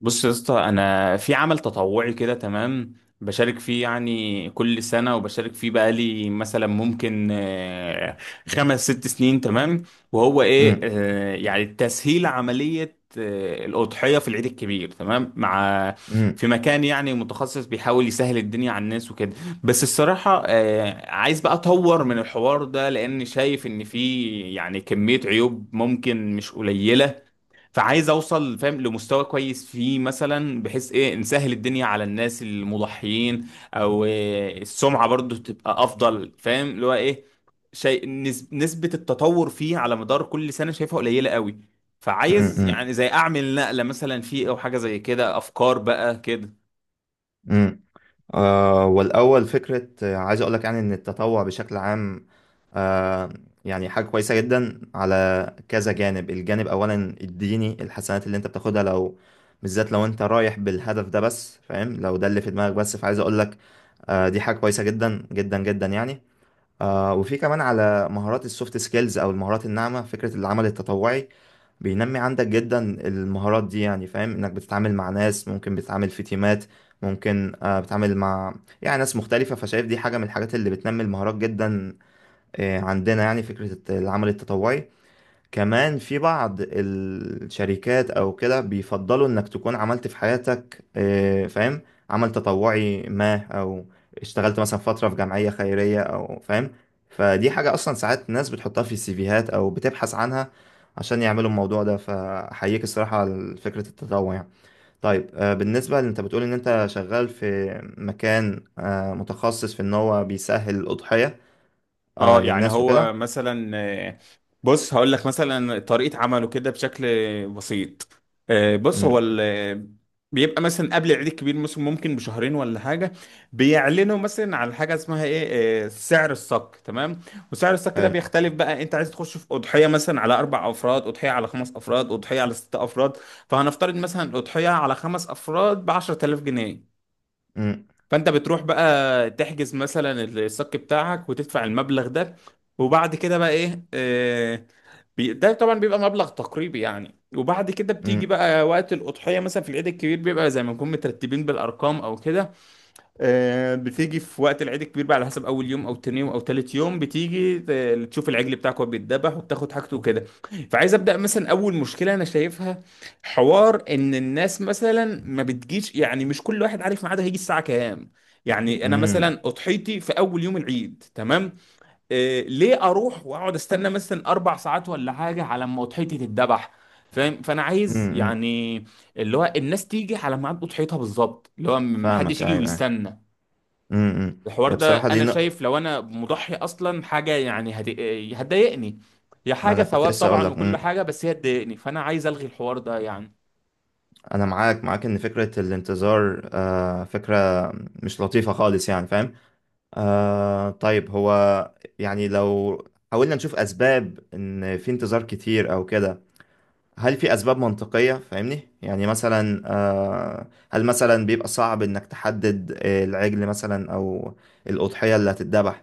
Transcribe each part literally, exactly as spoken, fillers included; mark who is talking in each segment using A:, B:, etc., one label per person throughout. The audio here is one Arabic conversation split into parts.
A: بص يا اسطى، انا في عمل تطوعي كده، تمام. بشارك فيه يعني كل سنه، وبشارك فيه بقالي مثلا ممكن آه، خمس ست سنين، تمام. وهو ايه
B: مم.
A: آه، يعني تسهيل عمليه آه، الاضحيه في العيد الكبير، تمام. مع
B: مم.
A: في مكان يعني متخصص بيحاول يسهل الدنيا على الناس وكده. بس الصراحه آه، عايز بقى اطور من الحوار ده، لان شايف ان فيه يعني كميه عيوب ممكن مش قليله. فعايز اوصل فاهم لمستوى كويس فيه مثلا، بحيث ايه نسهل الدنيا على الناس المضحيين، او إيه السمعة برضو تبقى افضل. فاهم اللي هو ايه، شيء نس- نسبة التطور فيه على مدار كل سنة شايفها قليلة قوي.
B: مم.
A: فعايز
B: مم.
A: يعني زي اعمل نقلة مثلا فيه او حاجة زي كده. افكار بقى كده.
B: مم. آه والأول فكرة آه، عايز أقول لك يعني إن التطوع بشكل عام آه يعني حاجة كويسة جدا على كذا جانب، الجانب أولا الديني، الحسنات اللي أنت بتاخدها لو بالذات لو أنت رايح بالهدف ده بس، فاهم؟ لو ده اللي في دماغك بس، فعايز أقول لك آه دي حاجة كويسة جدا جدا جدا يعني. آه وفي كمان على مهارات السوفت سكيلز أو المهارات الناعمة، فكرة العمل التطوعي بينمي عندك جدا المهارات دي، يعني فاهم انك بتتعامل مع ناس، ممكن بتتعامل في تيمات، ممكن آه، بتتعامل مع يعني ناس مختلفة، فشايف دي حاجة من الحاجات اللي بتنمي المهارات جدا. آه، عندنا يعني فكرة العمل التطوعي كمان في بعض الشركات او كده بيفضلوا انك تكون عملت في حياتك آه، فاهم عمل تطوعي ما، او اشتغلت مثلا فترة في جمعية خيرية او فاهم، فدي حاجة اصلا ساعات ناس بتحطها في السيفيهات او بتبحث عنها عشان يعملوا الموضوع ده، فاحييك الصراحة على فكرة التطوع يعني. طيب آه، بالنسبة اللي انت بتقول ان انت شغال في مكان آه، متخصص في ان هو بيسهل الأضحية آه،
A: اه يعني
B: للناس وكده.
A: هو مثلا آه، بص هقول لك مثلا طريقة عمله كده بشكل بسيط. آه، بص هو
B: مم.
A: ال- بيبقى مثلا قبل العيد الكبير مثلا ممكن بشهرين ولا حاجة، بيعلنوا مثلا على حاجة اسمها ايه آه، سعر الصك، تمام. وسعر الصك ده
B: حلو.
A: بيختلف بقى، انت عايز تخش في أضحية مثلا على أربع أفراد، أضحية على خمس أفراد، أضحية على ست أفراد. فهنفترض مثلا أضحية على خمس أفراد بعشرة آلاف جنيه.
B: مم.
A: فانت بتروح بقى تحجز مثلا الصك بتاعك وتدفع المبلغ ده. وبعد كده بقى ايه، آه، بي- ده طبعا بيبقى مبلغ تقريبي يعني. وبعد كده بتيجي
B: مم.
A: بقى وقت الأضحية مثلا في العيد الكبير بيبقى زي ما نكون مترتبين بالأرقام أو كده. آه، بتيجي في وقت العيد الكبير بقى على حسب اول يوم او تاني يوم او تالت يوم، بتيجي ت- تشوف العجل بتاعك وهو بيتذبح وبتاخد حاجته وكده. فعايز ابدا مثلا اول مشكله انا شايفها حوار ان الناس مثلا ما بتجيش، يعني مش كل واحد عارف ميعاده هيجي الساعه كام. يعني انا
B: مم.
A: مثلا اضحيتي في اول يوم العيد، تمام. آه ليه اروح واقعد استنى مثلا اربع ساعات ولا حاجه على ما اضحيتي تتذبح؟ فاهم. فانا عايز
B: امم، امم.
A: يعني اللي هو الناس تيجي على ميعاد اضحيتها بالظبط، اللي هو محدش
B: فاهمك، ايوه
A: يجي
B: ايوه،
A: ويستنى.
B: امم امم.
A: الحوار
B: هي
A: ده
B: بصراحه دي
A: انا
B: نق...
A: شايف لو انا مضحي اصلا حاجه يعني هت- هتضايقني. هي
B: ما
A: حاجه
B: انا كنت
A: ثواب
B: لسه اقول
A: طبعا
B: لك،
A: وكل
B: امم
A: حاجه، بس هي تضايقني. فانا عايز الغي الحوار ده يعني.
B: انا معاك معاك ان فكره الانتظار آه فكره مش لطيفه خالص يعني فاهم. آه طيب هو يعني لو حاولنا نشوف اسباب ان في انتظار كتير او كده، هل في اسباب منطقيه؟ فاهمني يعني مثلا، آه هل مثلا بيبقى صعب انك تحدد آه، العجل مثلا او الاضحيه اللي هتتذبح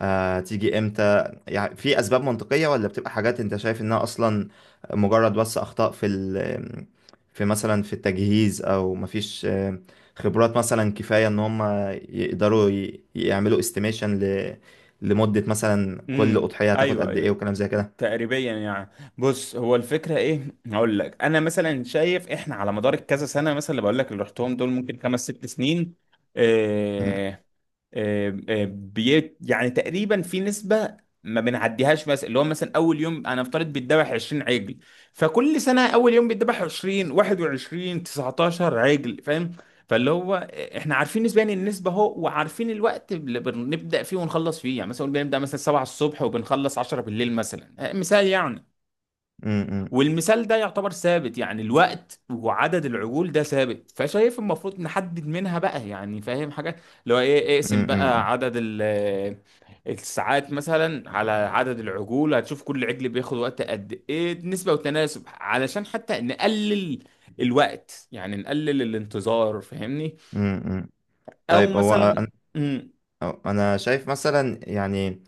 B: آه، تيجي امتى؟ يعني في اسباب منطقية ولا بتبقى حاجات انت شايف انها اصلا مجرد بس اخطاء في ال في مثلا في التجهيز، او مفيش آه، خبرات مثلا كفاية ان هم يقدروا ي- يعملوا استيميشن ل لمدة مثلا كل
A: امم
B: أضحية هتاخد
A: ايوه
B: قد ايه،
A: ايوه،
B: وكلام زي كده.
A: تقريبا يعني. بص هو الفكره ايه، هقول لك انا مثلا شايف احنا على مدار كذا سنه مثلا، اللي بقول لك اللي رحتهم دول ممكن خمس ست سنين.
B: مم،
A: آه، آه، آه، بي يعني تقريبا في نسبة ما بنعديهاش، مثلا اللي هو مثلا اول يوم انا افترض بيتذبح عشرين عجل. فكل سنة اول يوم بيتذبح عشرين واحد وعشرين تسعتاشر عجل، فاهم. فاللي هو احنا عارفين نسبيا النسبة اهو، وعارفين الوقت اللي بنبدأ فيه ونخلص فيه. يعني مثلا بنبدأ مثلا سبعة الصبح وبنخلص عشرة بالليل مثلا، آه، مثال يعني.
B: مم، مم،
A: والمثال ده يعتبر ثابت يعني، الوقت وعدد العجول ده ثابت. فشايف المفروض نحدد منها بقى يعني، فاهم حاجة اللي هو ايه. اقسم
B: مم، مم،
A: بقى عدد ال- آه، الساعات مثلا على عدد العجول، هتشوف كل عجل بياخد وقت قد ايه، نسبة وتناسب علشان حتى نقلل الوقت يعني، نقلل الانتظار، فاهمني.
B: مم، مم.
A: او
B: طيب هو أنا
A: مثلا امم
B: أنا شايف مثلا يعني،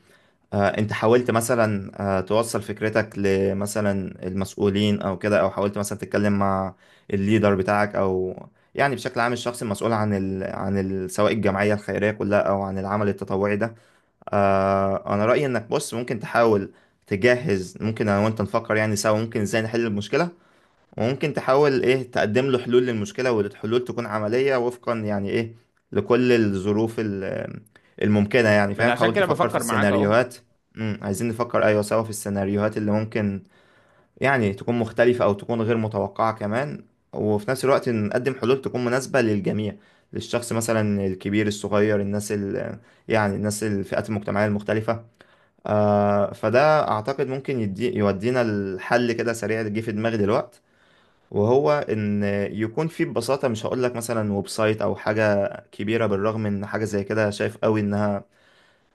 B: آه، انت حاولت مثلا آه، توصل فكرتك لمثلا المسؤولين او كده، او حاولت مثلا تتكلم مع الليدر بتاعك او يعني بشكل عام الشخص المسؤول عن ال... عن ال... سواء الجمعية الخيرية كلها او عن العمل التطوعي ده. آه، انا رأيي انك بص ممكن تحاول تجهز، ممكن انا وانت نفكر يعني سوا ممكن ازاي نحل المشكلة، وممكن تحاول ايه تقدم له حلول للمشكلة، والحلول تكون عملية وفقا يعني ايه لكل الظروف ال- الممكنة، يعني
A: ما أنا
B: فاهم
A: عشان
B: حاول
A: كده
B: تفكر في
A: بفكر معاك اهو.
B: السيناريوهات. امم، عايزين نفكر ايوه سوا في السيناريوهات اللي ممكن يعني تكون مختلفة او تكون غير متوقعة كمان، وفي نفس الوقت نقدم حلول تكون مناسبة للجميع، للشخص مثلا الكبير، الصغير، الناس ال يعني الناس الفئات المجتمعية المختلفة. آه فده اعتقد ممكن يدي يودينا الحل كده سريع، اللي جه في دماغي دلوقتي وهو ان يكون فيه ببساطه، مش هقول لك مثلا ويب سايت او حاجه كبيره، بالرغم ان حاجه زي كده شايف قوي انها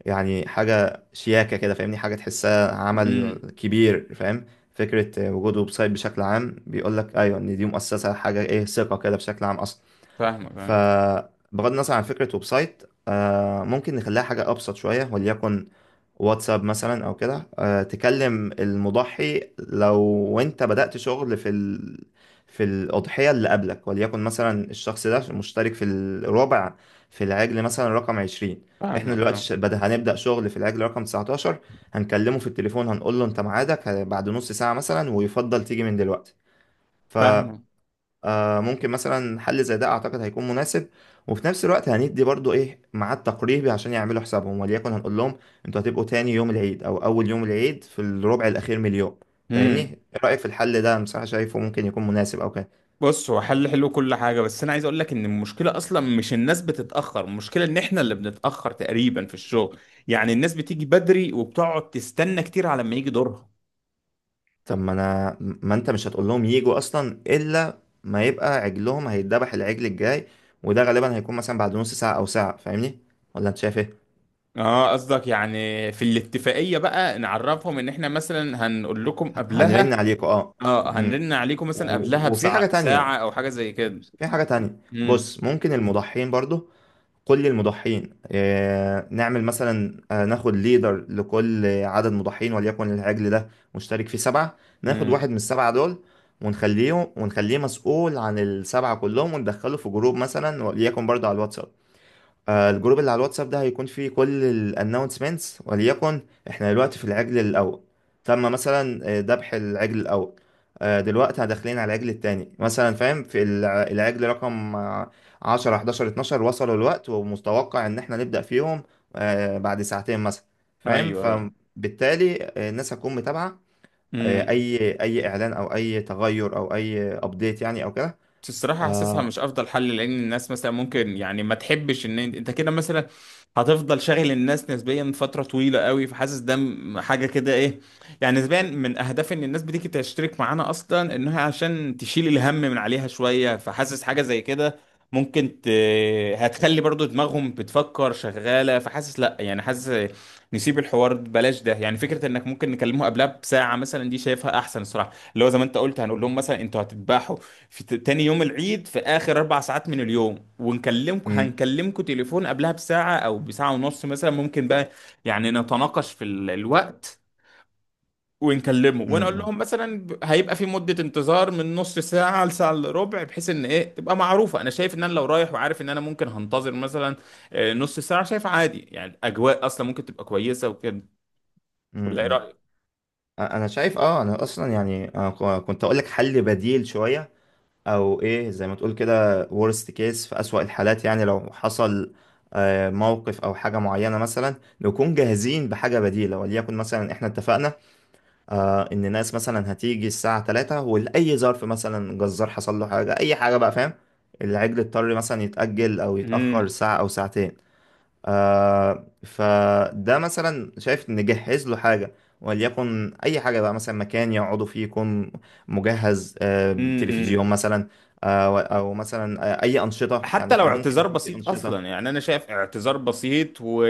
B: يعني حاجه شياكه كده، فاهمني حاجه تحسها عمل
A: امم
B: كبير فاهم. فكره وجود ويب سايت بشكل عام بيقول لك ايوه ان دي مؤسسه حاجه ايه، ثقه كده بشكل عام اصلا.
A: فاهمك فاهمك
B: فبغض النظر عن فكره ويب سايت، آه ممكن نخليها حاجه ابسط شويه، وليكن واتساب مثلا او كده. آه، تكلم المضحي لو انت بدأت شغل في ال... في الأضحية اللي قبلك، وليكن مثلا الشخص ده مشترك في الرابع في العجل مثلا رقم عشرين، احنا
A: فاهمك.
B: دلوقتي
A: اه.
B: ش- بدأ هنبدأ شغل في العجل رقم تسعة عشر، هنكلمه في التليفون هنقول له انت ميعادك بعد نص ساعة مثلا، ويفضل تيجي من دلوقتي. ف
A: فاهمك.
B: آه ممكن مثلا حل زي ده اعتقد هيكون مناسب. وفي نفس الوقت هندي برضو ايه ميعاد تقريبي عشان يعملوا حسابهم، وليكن هنقول لهم انتوا هتبقوا تاني يوم العيد او اول يوم العيد في الربع الاخير من اليوم، فاهمني؟ ايه
A: امم
B: رايك في الحل ده؟ انا بصراحه شايفه ممكن يكون مناسب او كده.
A: بص هو حل حلو كل حاجة، بس أنا عايز أقول لك إن المشكلة أصلا مش الناس بتتأخر، المشكلة إن إحنا اللي بنتأخر تقريبا في الشغل. يعني الناس بتيجي بدري وبتقعد تستنى كتير على ما يجي دورها.
B: طب ما انا، ما انت مش هتقول لهم يجوا اصلا الا ما يبقى عجلهم هيتذبح العجل الجاي، وده غالبا هيكون مثلا بعد نص ساعه او ساعه، فاهمني؟ ولا انت شايف ايه؟
A: اه قصدك يعني في الاتفاقية بقى نعرفهم إن إحنا مثلا هنقول لكم قبلها.
B: هنرن عليكوا اه.
A: اه
B: امم.
A: هنرن عليكم مثلا قبلها
B: و- وفي حاجه
A: بساعة، ساعة
B: تانية،
A: أو حاجة زي كده.
B: في حاجة تانية
A: امم
B: بص، ممكن المضحين برضو كل المضحين آه، نعمل مثلا آه، ناخد ليدر لكل عدد مضحين، وليكن العجل ده مشترك فيه سبعة، ناخد
A: امم،
B: واحد من السبعة دول ونخليه ونخليه مسؤول عن السبعة كلهم وندخله في جروب مثلا وليكن برضو على الواتساب. آه، الجروب اللي على الواتساب ده هيكون فيه كل الانونسمنتس، وليكن احنا دلوقتي في العجل الاول، تم مثلا آه، ذبح العجل الاول، آه، دلوقتي داخلين على العجل التاني مثلا فاهم، في الع- العجل رقم آه، عشرة حداشر اتناشر وصلوا الوقت ومتوقع ان احنا نبدأ فيهم آه، بعد ساعتين مثلا فاهم،
A: أيوه أيوه.
B: فبالتالي آه، الناس هتكون متابعة آه،
A: مم.
B: اي اي اعلان او اي تغير او اي ابديت يعني او كده.
A: الصراحة حاسسها
B: آه،
A: مش أفضل حل، لأن الناس مثلا ممكن يعني ما تحبش إن أنت أنت كده مثلا هتفضل شاغل الناس نسبيا فترة طويلة قوي. فحاسس ده م- حاجة كده إيه، يعني نسبيا من أهداف إن الناس بتيجي تشترك معانا أصلا إنها عشان تشيل الهم من عليها شوية. فحاسس حاجة زي كده ممكن ت... هتخلي برضو دماغهم بتفكر شغالة. فحاسس لأ يعني، حاسس نسيب الحوار ده، بلاش ده يعني. فكرة إنك ممكن نكلمه قبلها بساعة مثلا، دي شايفها أحسن الصراحة. اللي هو زي ما أنت قلت، هنقول لهم مثلا أنتوا هتتباحوا في ت- تاني يوم العيد في آخر أربع ساعات من اليوم، ونكلمكم
B: م-
A: هنكلمكم تليفون قبلها بساعة أو بساعة ونص مثلا، ممكن بقى يعني نتناقش في ال- الوقت. ونكلمه ونقول
B: م-
A: لهم مثلا ب- هيبقى في مدة انتظار من نص ساعة لساعة إلا ربع، بحيث إن إيه تبقى معروفة. أنا شايف إن أنا لو رايح وعارف إن أنا ممكن هنتظر مثلا آه، نص ساعة، شايف عادي يعني. الأجواء أصلا ممكن تبقى كويسة وكده.
B: م-
A: ولا إيه رأيك؟
B: م- انا شايف اه، انا اصلا يعني أنا ك- كنت اقول لك حل بديل شويه، او ايه زي ما تقول كده worst case في اسوأ الحالات، يعني لو حصل آه، موقف او حاجه معينه مثلا، نكون جاهزين بحاجه بديله. وليكن مثلا احنا اتفقنا آه، ان ناس مثلا هتيجي الساعه تلاتة، ولاي ظرف مثلا جزار حصل له حاجه اي حاجه بقى فاهم، العجل اضطر مثلا يتاجل او يتاخر ساعه او ساعتين، آه فده مثلا شايف نجهز له حاجة، وليكن أي حاجة بقى مثلا مكان يقعدوا فيه يكون مجهز، آه تلفزيون
A: امم.
B: مثلا، آه و- أو مثلا آه أي أنشطة يعني
A: حتى لو
B: فاهم ممكن
A: اعتذار
B: يكون في
A: بسيط
B: أنشطة.
A: اصلا يعني، انا شايف اعتذار بسيط و...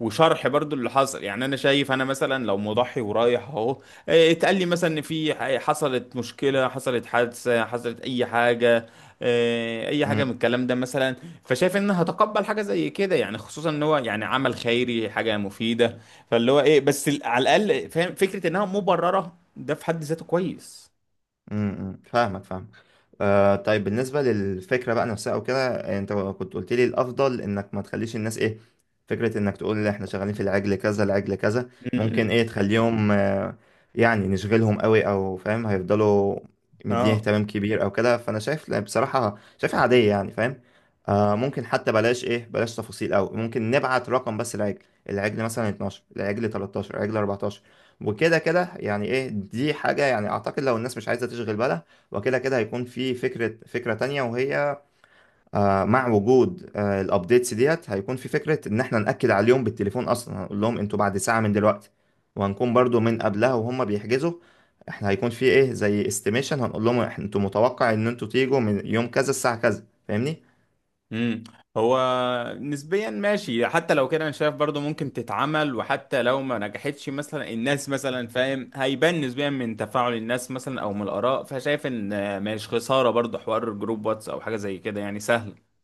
A: وشرح برضو اللي حصل يعني. انا شايف انا مثلا لو مضحي ورايح اهو، إيه، اتقال لي مثلا ان في ح- حصلت مشكلة، حصلت حادثة، حصلت اي حاجة، إيه، اي حاجة من
B: م-
A: الكلام ده مثلا، فشايف ان هتقبل حاجة زي كده يعني. خصوصا ان هو يعني عمل خيري، حاجة مفيدة. فاللي هو ايه، بس ال- على الاقل فاهم فكرة انها مبررة، ده في حد ذاته كويس.
B: م- م. فاهمك فاهمك. آه طيب بالنسبة للفكرة بقى نفسها أو كده، أنت كنت قلت لي الأفضل إنك ما تخليش الناس إيه فكرة إنك تقول إحنا شغالين في العجل كذا العجل كذا،
A: م-
B: ممكن
A: م.
B: إيه تخليهم آه يعني نشغلهم قوي، أو فاهم هيفضلوا مديه
A: اه.
B: اهتمام كبير أو كده، فأنا شايف لا، بصراحة شايفها عادية يعني فاهم. آه ممكن حتى بلاش إيه بلاش تفاصيل أوي، ممكن نبعت رقم بس العجل، العجل مثلا اتناشر العجل تلتاشر العجل اربعتاشر، وكده كده يعني إيه، دي حاجة يعني أعتقد لو الناس مش عايزة تشغل بالها. وكده كده هيكون في فكرة، فكرة تانية وهي آه، مع وجود آه، الابديتس ديت، هيكون في فكرة ان احنا نأكد عليهم بالتليفون اصلا، هنقول لهم انتوا بعد ساعة من دلوقتي، وهنكون برضو من قبلها وهم بيحجزوا، احنا هيكون في ايه زي استيميشن، هنقول لهم إحنا- انتوا متوقع ان انتوا تيجوا من يوم كذا الساعة كذا، فاهمني؟
A: امم. هو نسبيا ماشي، حتى لو كده انا شايف برضو ممكن تتعمل. وحتى لو ما نجحتش مثلا الناس مثلا فاهم، هيبان نسبيا من تفاعل الناس مثلا او من الاراء. فشايف ان مش خسارة برضو حوار جروب واتس او حاجة زي كده يعني، سهل.